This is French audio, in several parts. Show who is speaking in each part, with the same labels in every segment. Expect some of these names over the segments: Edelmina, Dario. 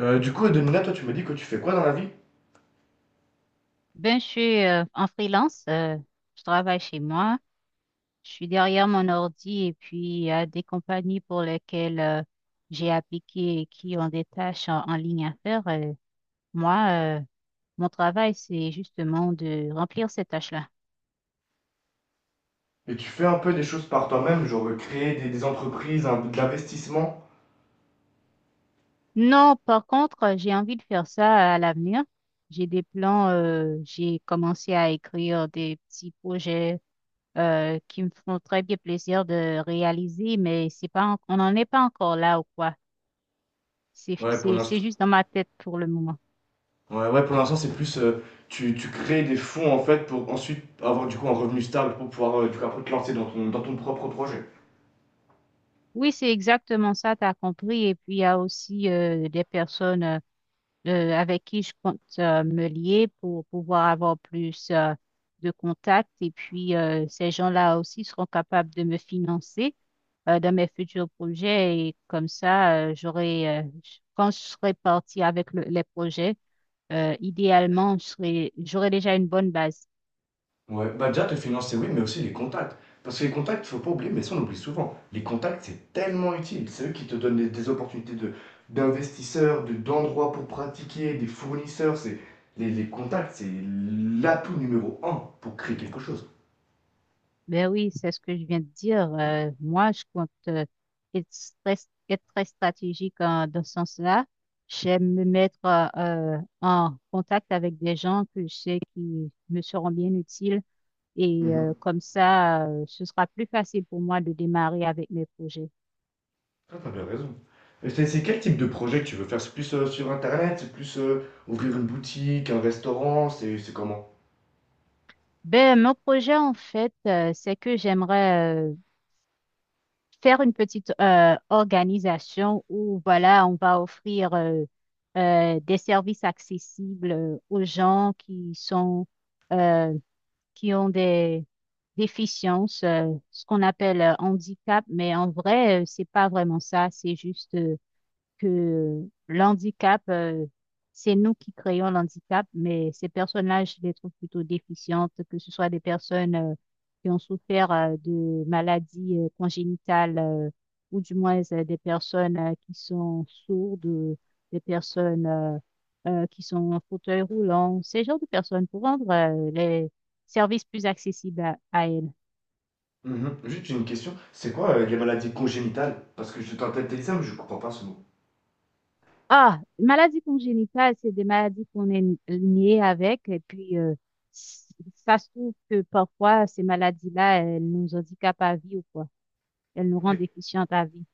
Speaker 1: Edelmina, toi, tu me dis que tu fais quoi dans la vie?
Speaker 2: Je suis en freelance. Je travaille chez moi. Je suis derrière mon ordi et puis il y a des compagnies pour lesquelles j'ai appliqué et qui ont des tâches en ligne à faire. Moi, mon travail, c'est justement de remplir ces tâches-là.
Speaker 1: Et tu fais un peu des choses par toi-même, genre créer des entreprises, un, de l'investissement?
Speaker 2: Non, par contre, j'ai envie de faire ça à l'avenir. J'ai des plans. J'ai commencé à écrire des petits projets qui me font très bien plaisir de réaliser, mais c'est pas, en- on n'en est pas encore là ou quoi. C'est,
Speaker 1: Ouais, pour
Speaker 2: c'est, c'est
Speaker 1: l'instant,
Speaker 2: juste dans ma tête pour le moment.
Speaker 1: ouais, ouais, pour l'instant, c'est plus tu crées des fonds en fait pour ensuite avoir du coup un revenu stable pour pouvoir du coup, après te lancer dans dans ton propre projet.
Speaker 2: Oui, c'est exactement ça, tu as compris. Et puis, il y a aussi des personnes avec qui je compte me lier pour pouvoir avoir plus de contacts. Et puis, ces gens-là aussi seront capables de me financer dans mes futurs projets. Et comme ça, j'aurai, quand je serai partie avec les projets, idéalement, j'aurai déjà une bonne base.
Speaker 1: Ouais, bah déjà te financer, oui, mais aussi les contacts. Parce que les contacts, faut pas oublier, mais ça on oublie souvent. Les contacts, c'est tellement utile. C'est eux qui te donnent des opportunités d'investisseurs, d'endroits pour pratiquer, des fournisseurs. C'est, les contacts, c'est l'atout numéro un pour créer quelque chose.
Speaker 2: Ben oui, c'est ce que je viens de dire. Moi, je compte être très, être très stratégique dans ce sens-là. J'aime me mettre en contact avec des gens que je sais qui me seront bien utiles et
Speaker 1: Mhm.
Speaker 2: comme ça, ce sera plus facile pour moi de démarrer avec mes projets.
Speaker 1: Ah, t'as bien raison. Et c'est quel type de projet que tu veux faire? C'est plus sur Internet? C'est plus ouvrir une boutique, un restaurant? C'est comment?
Speaker 2: Ben, mon projet, en fait, c'est que j'aimerais faire une petite organisation où, voilà, on va offrir des services accessibles aux gens qui sont, euh, qui ont des déficiences, ce qu'on appelle handicap, mais en vrai, c'est pas vraiment ça, c'est juste que l'handicap, c'est nous qui créons l'handicap, mais ces personnes-là, je les trouve plutôt déficientes, que ce soit des personnes qui ont souffert de maladies congénitales, ou du moins des personnes qui sont sourdes, des personnes qui sont en fauteuil roulant, ces genres de personnes pour rendre les services plus accessibles à elles.
Speaker 1: Mhm. Juste une question. C'est quoi les maladies congénitales? Parce que je t'entends dire ça, mais je comprends pas ce mot.
Speaker 2: Ah, maladie congénitale, c'est des maladies qu'on est liées avec. Et puis, s- ça se trouve que parfois, ces maladies-là, elles nous handicapent à vie ou quoi. Elles nous
Speaker 1: Ok.
Speaker 2: rendent déficientes à vie.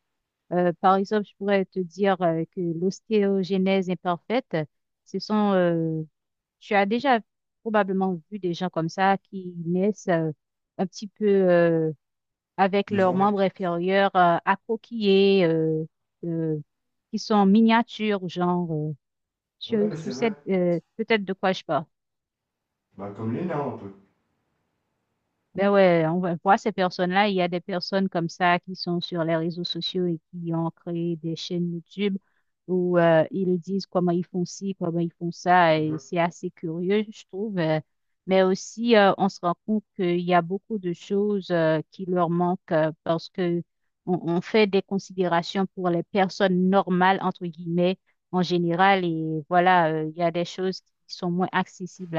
Speaker 2: Par exemple, je pourrais te dire que l'ostéogenèse imparfaite, ce sont, tu as déjà probablement vu des gens comme ça qui naissent un petit peu avec leurs
Speaker 1: Déformé.
Speaker 2: membres inférieurs accroquillés, euh, qui sont miniatures, genre.
Speaker 1: Ouais,
Speaker 2: Tu
Speaker 1: c'est
Speaker 2: sais
Speaker 1: vrai.
Speaker 2: peut-être de quoi je parle.
Speaker 1: Bah, comme les nains, un peu.
Speaker 2: Ben ouais, on va voir ces personnes-là. Il y a des personnes comme ça qui sont sur les réseaux sociaux et qui ont créé des chaînes YouTube où ils disent comment ils font ci, comment ils font ça.
Speaker 1: Mhm.
Speaker 2: Et c'est assez curieux, je trouve. Mais aussi, on se rend compte qu'il y a beaucoup de choses qui leur manquent parce que on fait des considérations pour les personnes normales, entre guillemets, en général. Et voilà, il y a des choses qui sont moins accessibles.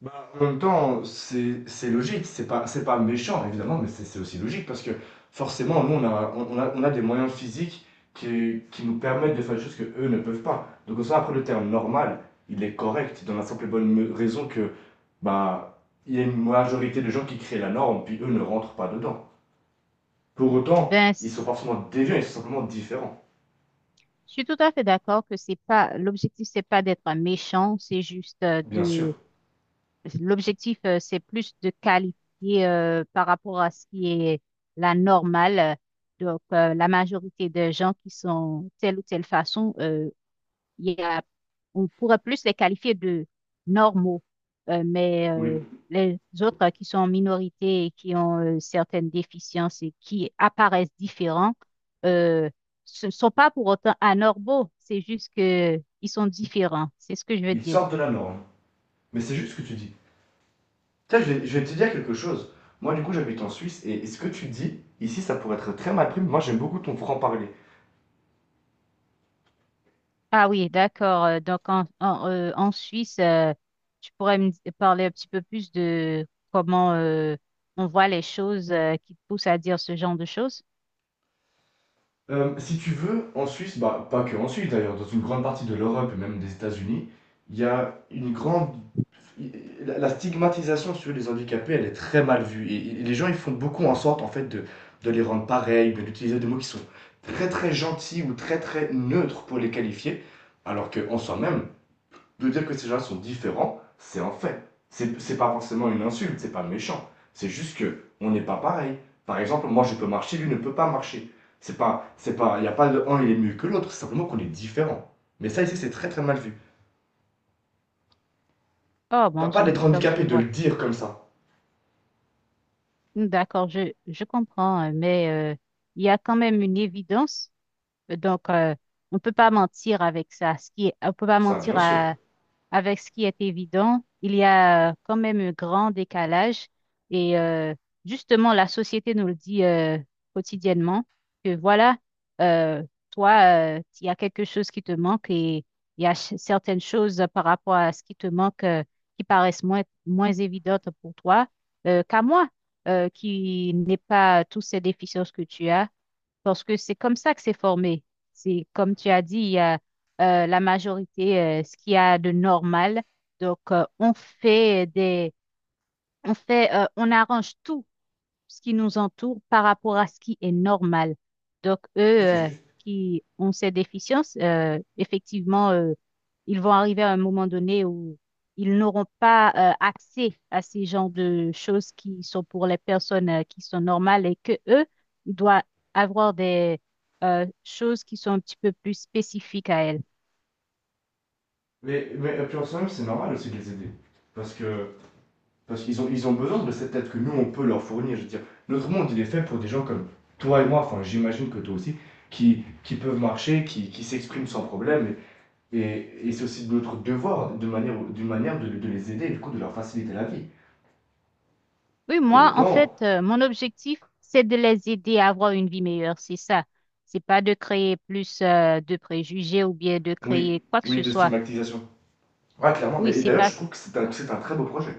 Speaker 1: Bah, en même temps, c'est logique, c'est pas méchant évidemment, mais c'est aussi logique parce que forcément, nous on a, on a des moyens physiques qui nous permettent de faire des choses que eux ne peuvent pas. Donc, en soi, après le terme normal, il est correct dans la simple et bonne raison que bah, il y a une majorité de gens qui créent la norme, puis eux ne rentrent pas dedans. Pour autant,
Speaker 2: Ben,
Speaker 1: ils sont
Speaker 2: c-
Speaker 1: pas forcément déviants, ils sont simplement différents.
Speaker 2: je suis tout à fait d'accord que c'est pas l'objectif, c'est pas d'être méchant, c'est juste euh,
Speaker 1: Bien sûr,
Speaker 2: de l'objectif, c'est plus de qualifier par rapport à ce qui est la normale. Donc, la majorité des gens qui sont telle ou telle façon, il y a, on pourrait plus les qualifier de normaux. Euh, mais euh,
Speaker 1: oui,
Speaker 2: les autres qui sont en minorité et qui ont certaines déficiences et qui apparaissent différents, euh, ce ne sont pas pour autant anormaux, c'est juste que ils sont différents, c'est ce que je veux
Speaker 1: ils
Speaker 2: dire.
Speaker 1: sortent de la norme. Mais c'est juste ce que tu dis. Tiens, je vais te dire quelque chose. Moi, du coup, j'habite en Suisse et ce que tu dis, ici, ça pourrait être très mal pris, mais moi, j'aime beaucoup ton franc-parler.
Speaker 2: Ah oui, d'accord. Donc en Suisse, tu pourrais parler un petit peu plus de comment on voit les choses qui te poussent à dire ce genre de choses?
Speaker 1: Si tu veux, en Suisse, bah, pas que en Suisse d'ailleurs, dans une grande partie de l'Europe et même des États-Unis, il y a une grande. La stigmatisation sur les handicapés, elle est très mal vue. Et les gens, ils font beaucoup en sorte, en fait, de les rendre pareils, de d'utiliser des mots qui sont très, très gentils ou très, très neutres pour les qualifier, alors qu'en soi-même, de dire que ces gens sont différents, c'est un fait. C'est pas forcément une insulte, c'est pas méchant. C'est juste que on n'est pas pareil. Par exemple, moi je peux marcher, lui ne peut pas marcher. C'est pas, il n'y a pas de un il est mieux que l'autre, c'est simplement qu'on est différent. Mais ça ici c'est très très mal vu.
Speaker 2: Oh
Speaker 1: Pas,
Speaker 2: mon
Speaker 1: pas
Speaker 2: Dieu,
Speaker 1: d'être
Speaker 2: donc je
Speaker 1: handicapé, de le
Speaker 2: vois.
Speaker 1: dire comme ça.
Speaker 2: D'accord, je comprends, mais euh, il y a quand même une évidence. Donc, on peut pas mentir avec ça. On peut pas
Speaker 1: Ça,
Speaker 2: mentir
Speaker 1: bien sûr.
Speaker 2: avec ce qui est évident, il y a quand même un grand décalage. Et justement, la société nous le dit quotidiennement que voilà, euh, toi, il y a quelque chose qui te manque et il y a certaines choses par rapport à ce qui te manque qui paraissent moins évidentes pour toi qu'à moi, qui n'ai pas tous ces déficiences que tu as. Parce que c'est comme ça que c'est formé. C'est comme tu as dit, il y a la majorité, ce qu'il y a de normal. Donc, on fait, on arrange tout ce qui nous entoure par rapport à ce qui est normal. Donc, eux
Speaker 1: Ça c'est
Speaker 2: euh,
Speaker 1: juste.
Speaker 2: qui ont ces déficiences, effectivement, ils vont arriver à un moment donné où ils n'auront pas accès à ces genres de choses qui sont pour les personnes qui sont normales et que eux doivent avoir des choses qui sont un petit peu plus spécifiques à elle.
Speaker 1: Mais puis en soi-même, c'est normal aussi de les aider. Parce que parce qu'ils ont, ils ont besoin de cette aide que nous, on peut leur fournir. Je veux dire, notre monde, il est fait pour des gens comme toi et moi, enfin, j'imagine que toi aussi, qui peuvent marcher, qui s'expriment sans problème. Et c'est aussi notre devoir, de manière, d'une manière, de les aider et du coup de leur faciliter la vie.
Speaker 2: Oui,
Speaker 1: Pour
Speaker 2: moi, en fait,
Speaker 1: autant,
Speaker 2: mon objectif, c'est de les aider à avoir une vie meilleure, c'est ça. C'est pas de créer plus, de préjugés ou bien de
Speaker 1: oui,
Speaker 2: créer quoi que
Speaker 1: oui,
Speaker 2: ce
Speaker 1: de
Speaker 2: soit.
Speaker 1: stigmatisation. Ouais, clairement.
Speaker 2: Oui,
Speaker 1: Mais et
Speaker 2: c'est
Speaker 1: d'ailleurs,
Speaker 2: pas,
Speaker 1: je trouve que c'est un très beau projet.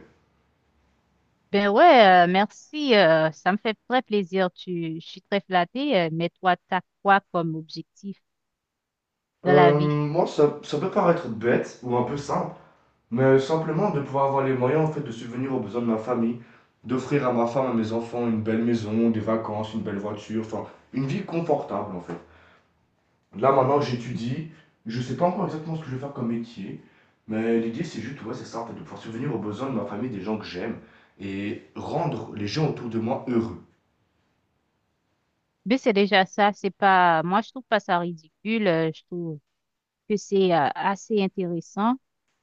Speaker 2: Ben ouais, merci. Ça me fait très plaisir. Je suis très flattée. Mais toi, t'as quoi comme objectif dans la vie?
Speaker 1: Moi, ça peut paraître bête ou un peu simple, mais simplement de pouvoir avoir les moyens en fait de subvenir aux besoins de ma famille, d'offrir à ma femme, à mes enfants une belle maison, des vacances, une belle voiture, enfin une vie confortable en fait. Là maintenant j'étudie, je sais pas encore exactement ce que je vais faire comme métier, mais l'idée c'est juste ouais c'est ça en fait de pouvoir subvenir aux besoins de ma famille, des gens que j'aime et rendre les gens autour de moi heureux.
Speaker 2: Ben c'est déjà ça. C'est pas. Moi, je trouve pas ça ridicule. Je trouve que c'est assez intéressant.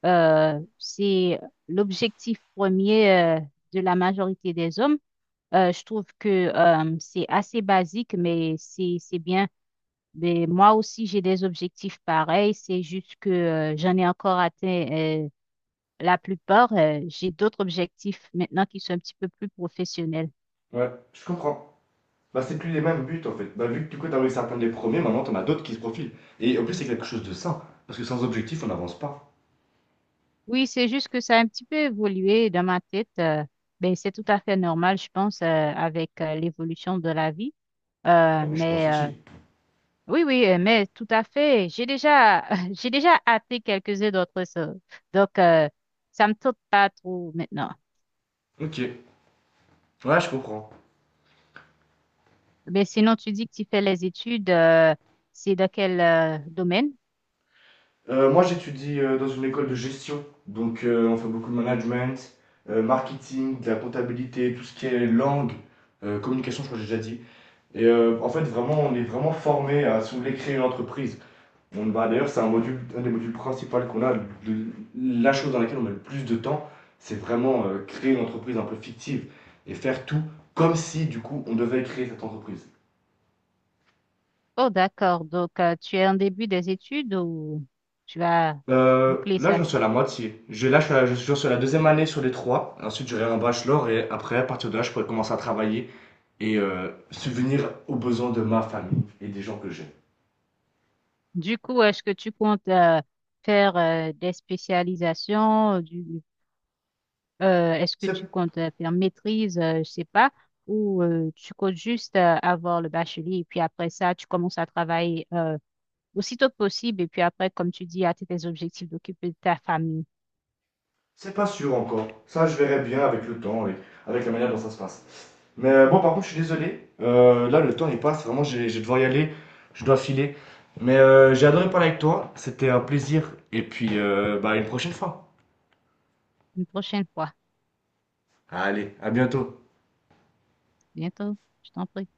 Speaker 2: C'est l'objectif premier de la majorité des hommes. Je trouve que c'est assez basique, mais c'est bien. Mais moi aussi, j'ai des objectifs pareils. C'est juste que j'en ai encore atteint. La plupart, j'ai d'autres objectifs maintenant qui sont un petit peu plus professionnels.
Speaker 1: Ouais, je comprends. Bah, c'est plus les mêmes buts en fait. Bah, vu que du coup, t'as réussi à atteindre les premiers, maintenant t'en as d'autres qui se profilent. Et en plus, c'est quelque chose de sain. Parce que sans objectif, on n'avance pas.
Speaker 2: Oui, c'est juste que ça a un petit peu évolué dans ma tête. Ben, c'est tout à fait normal, je pense, avec l'évolution de la vie. Euh,
Speaker 1: Ah oui, je
Speaker 2: mais
Speaker 1: pense
Speaker 2: euh,
Speaker 1: aussi.
Speaker 2: oui, oui, mais tout à fait. J'ai déjà, j'ai déjà hâté quelques-uns d'autres choses. Donc, ça me tente pas trop maintenant.
Speaker 1: Ok. Ouais, je comprends.
Speaker 2: Mais sinon, tu dis que tu fais les études. C'est dans quel domaine?
Speaker 1: Moi, j'étudie dans une école de gestion. Donc, on fait beaucoup de management, marketing, de la comptabilité, tout ce qui est langue, communication, je crois que j'ai déjà dit. Et en fait, vraiment, on est vraiment formé à, si vous voulez, créer une entreprise. On, bah, d'ailleurs, c'est un module, un des modules principaux qu'on a. La chose dans laquelle on met le plus de temps, c'est vraiment créer une entreprise un peu fictive et faire tout comme si, du coup, on devait créer cette entreprise.
Speaker 2: Oh, d'accord. Donc, tu es en début des études ou tu vas boucler
Speaker 1: Là,
Speaker 2: ça?
Speaker 1: j'en suis à la moitié. Je suis, j'en suis à la 2e année sur les 3. Ensuite, j'aurai un bachelor et après, à partir de là, je pourrai commencer à travailler et subvenir aux besoins de ma famille et des gens que j'aime.
Speaker 2: Du coup, est-ce que tu comptes faire des spécialisations? Est-ce que tu
Speaker 1: C'est,
Speaker 2: comptes faire maîtrise? Je sais pas. Ou tu comptes juste avoir le bachelier et puis après ça, tu commences à travailler aussitôt que possible et puis après, comme tu dis, à tes objectifs d'occuper de ta famille
Speaker 1: c'est pas sûr encore. Ça, je verrai bien avec le temps et avec la manière dont ça se passe. Mais bon, par contre, je suis désolé. Là, le temps il passe. Vraiment, j'ai, je vais devoir y aller. Je dois filer. Mais j'ai adoré parler avec toi. C'était un plaisir. Et puis, bah, à une prochaine fois.
Speaker 2: une prochaine fois.
Speaker 1: Allez, à bientôt.
Speaker 2: Bientôt, je t'en prie.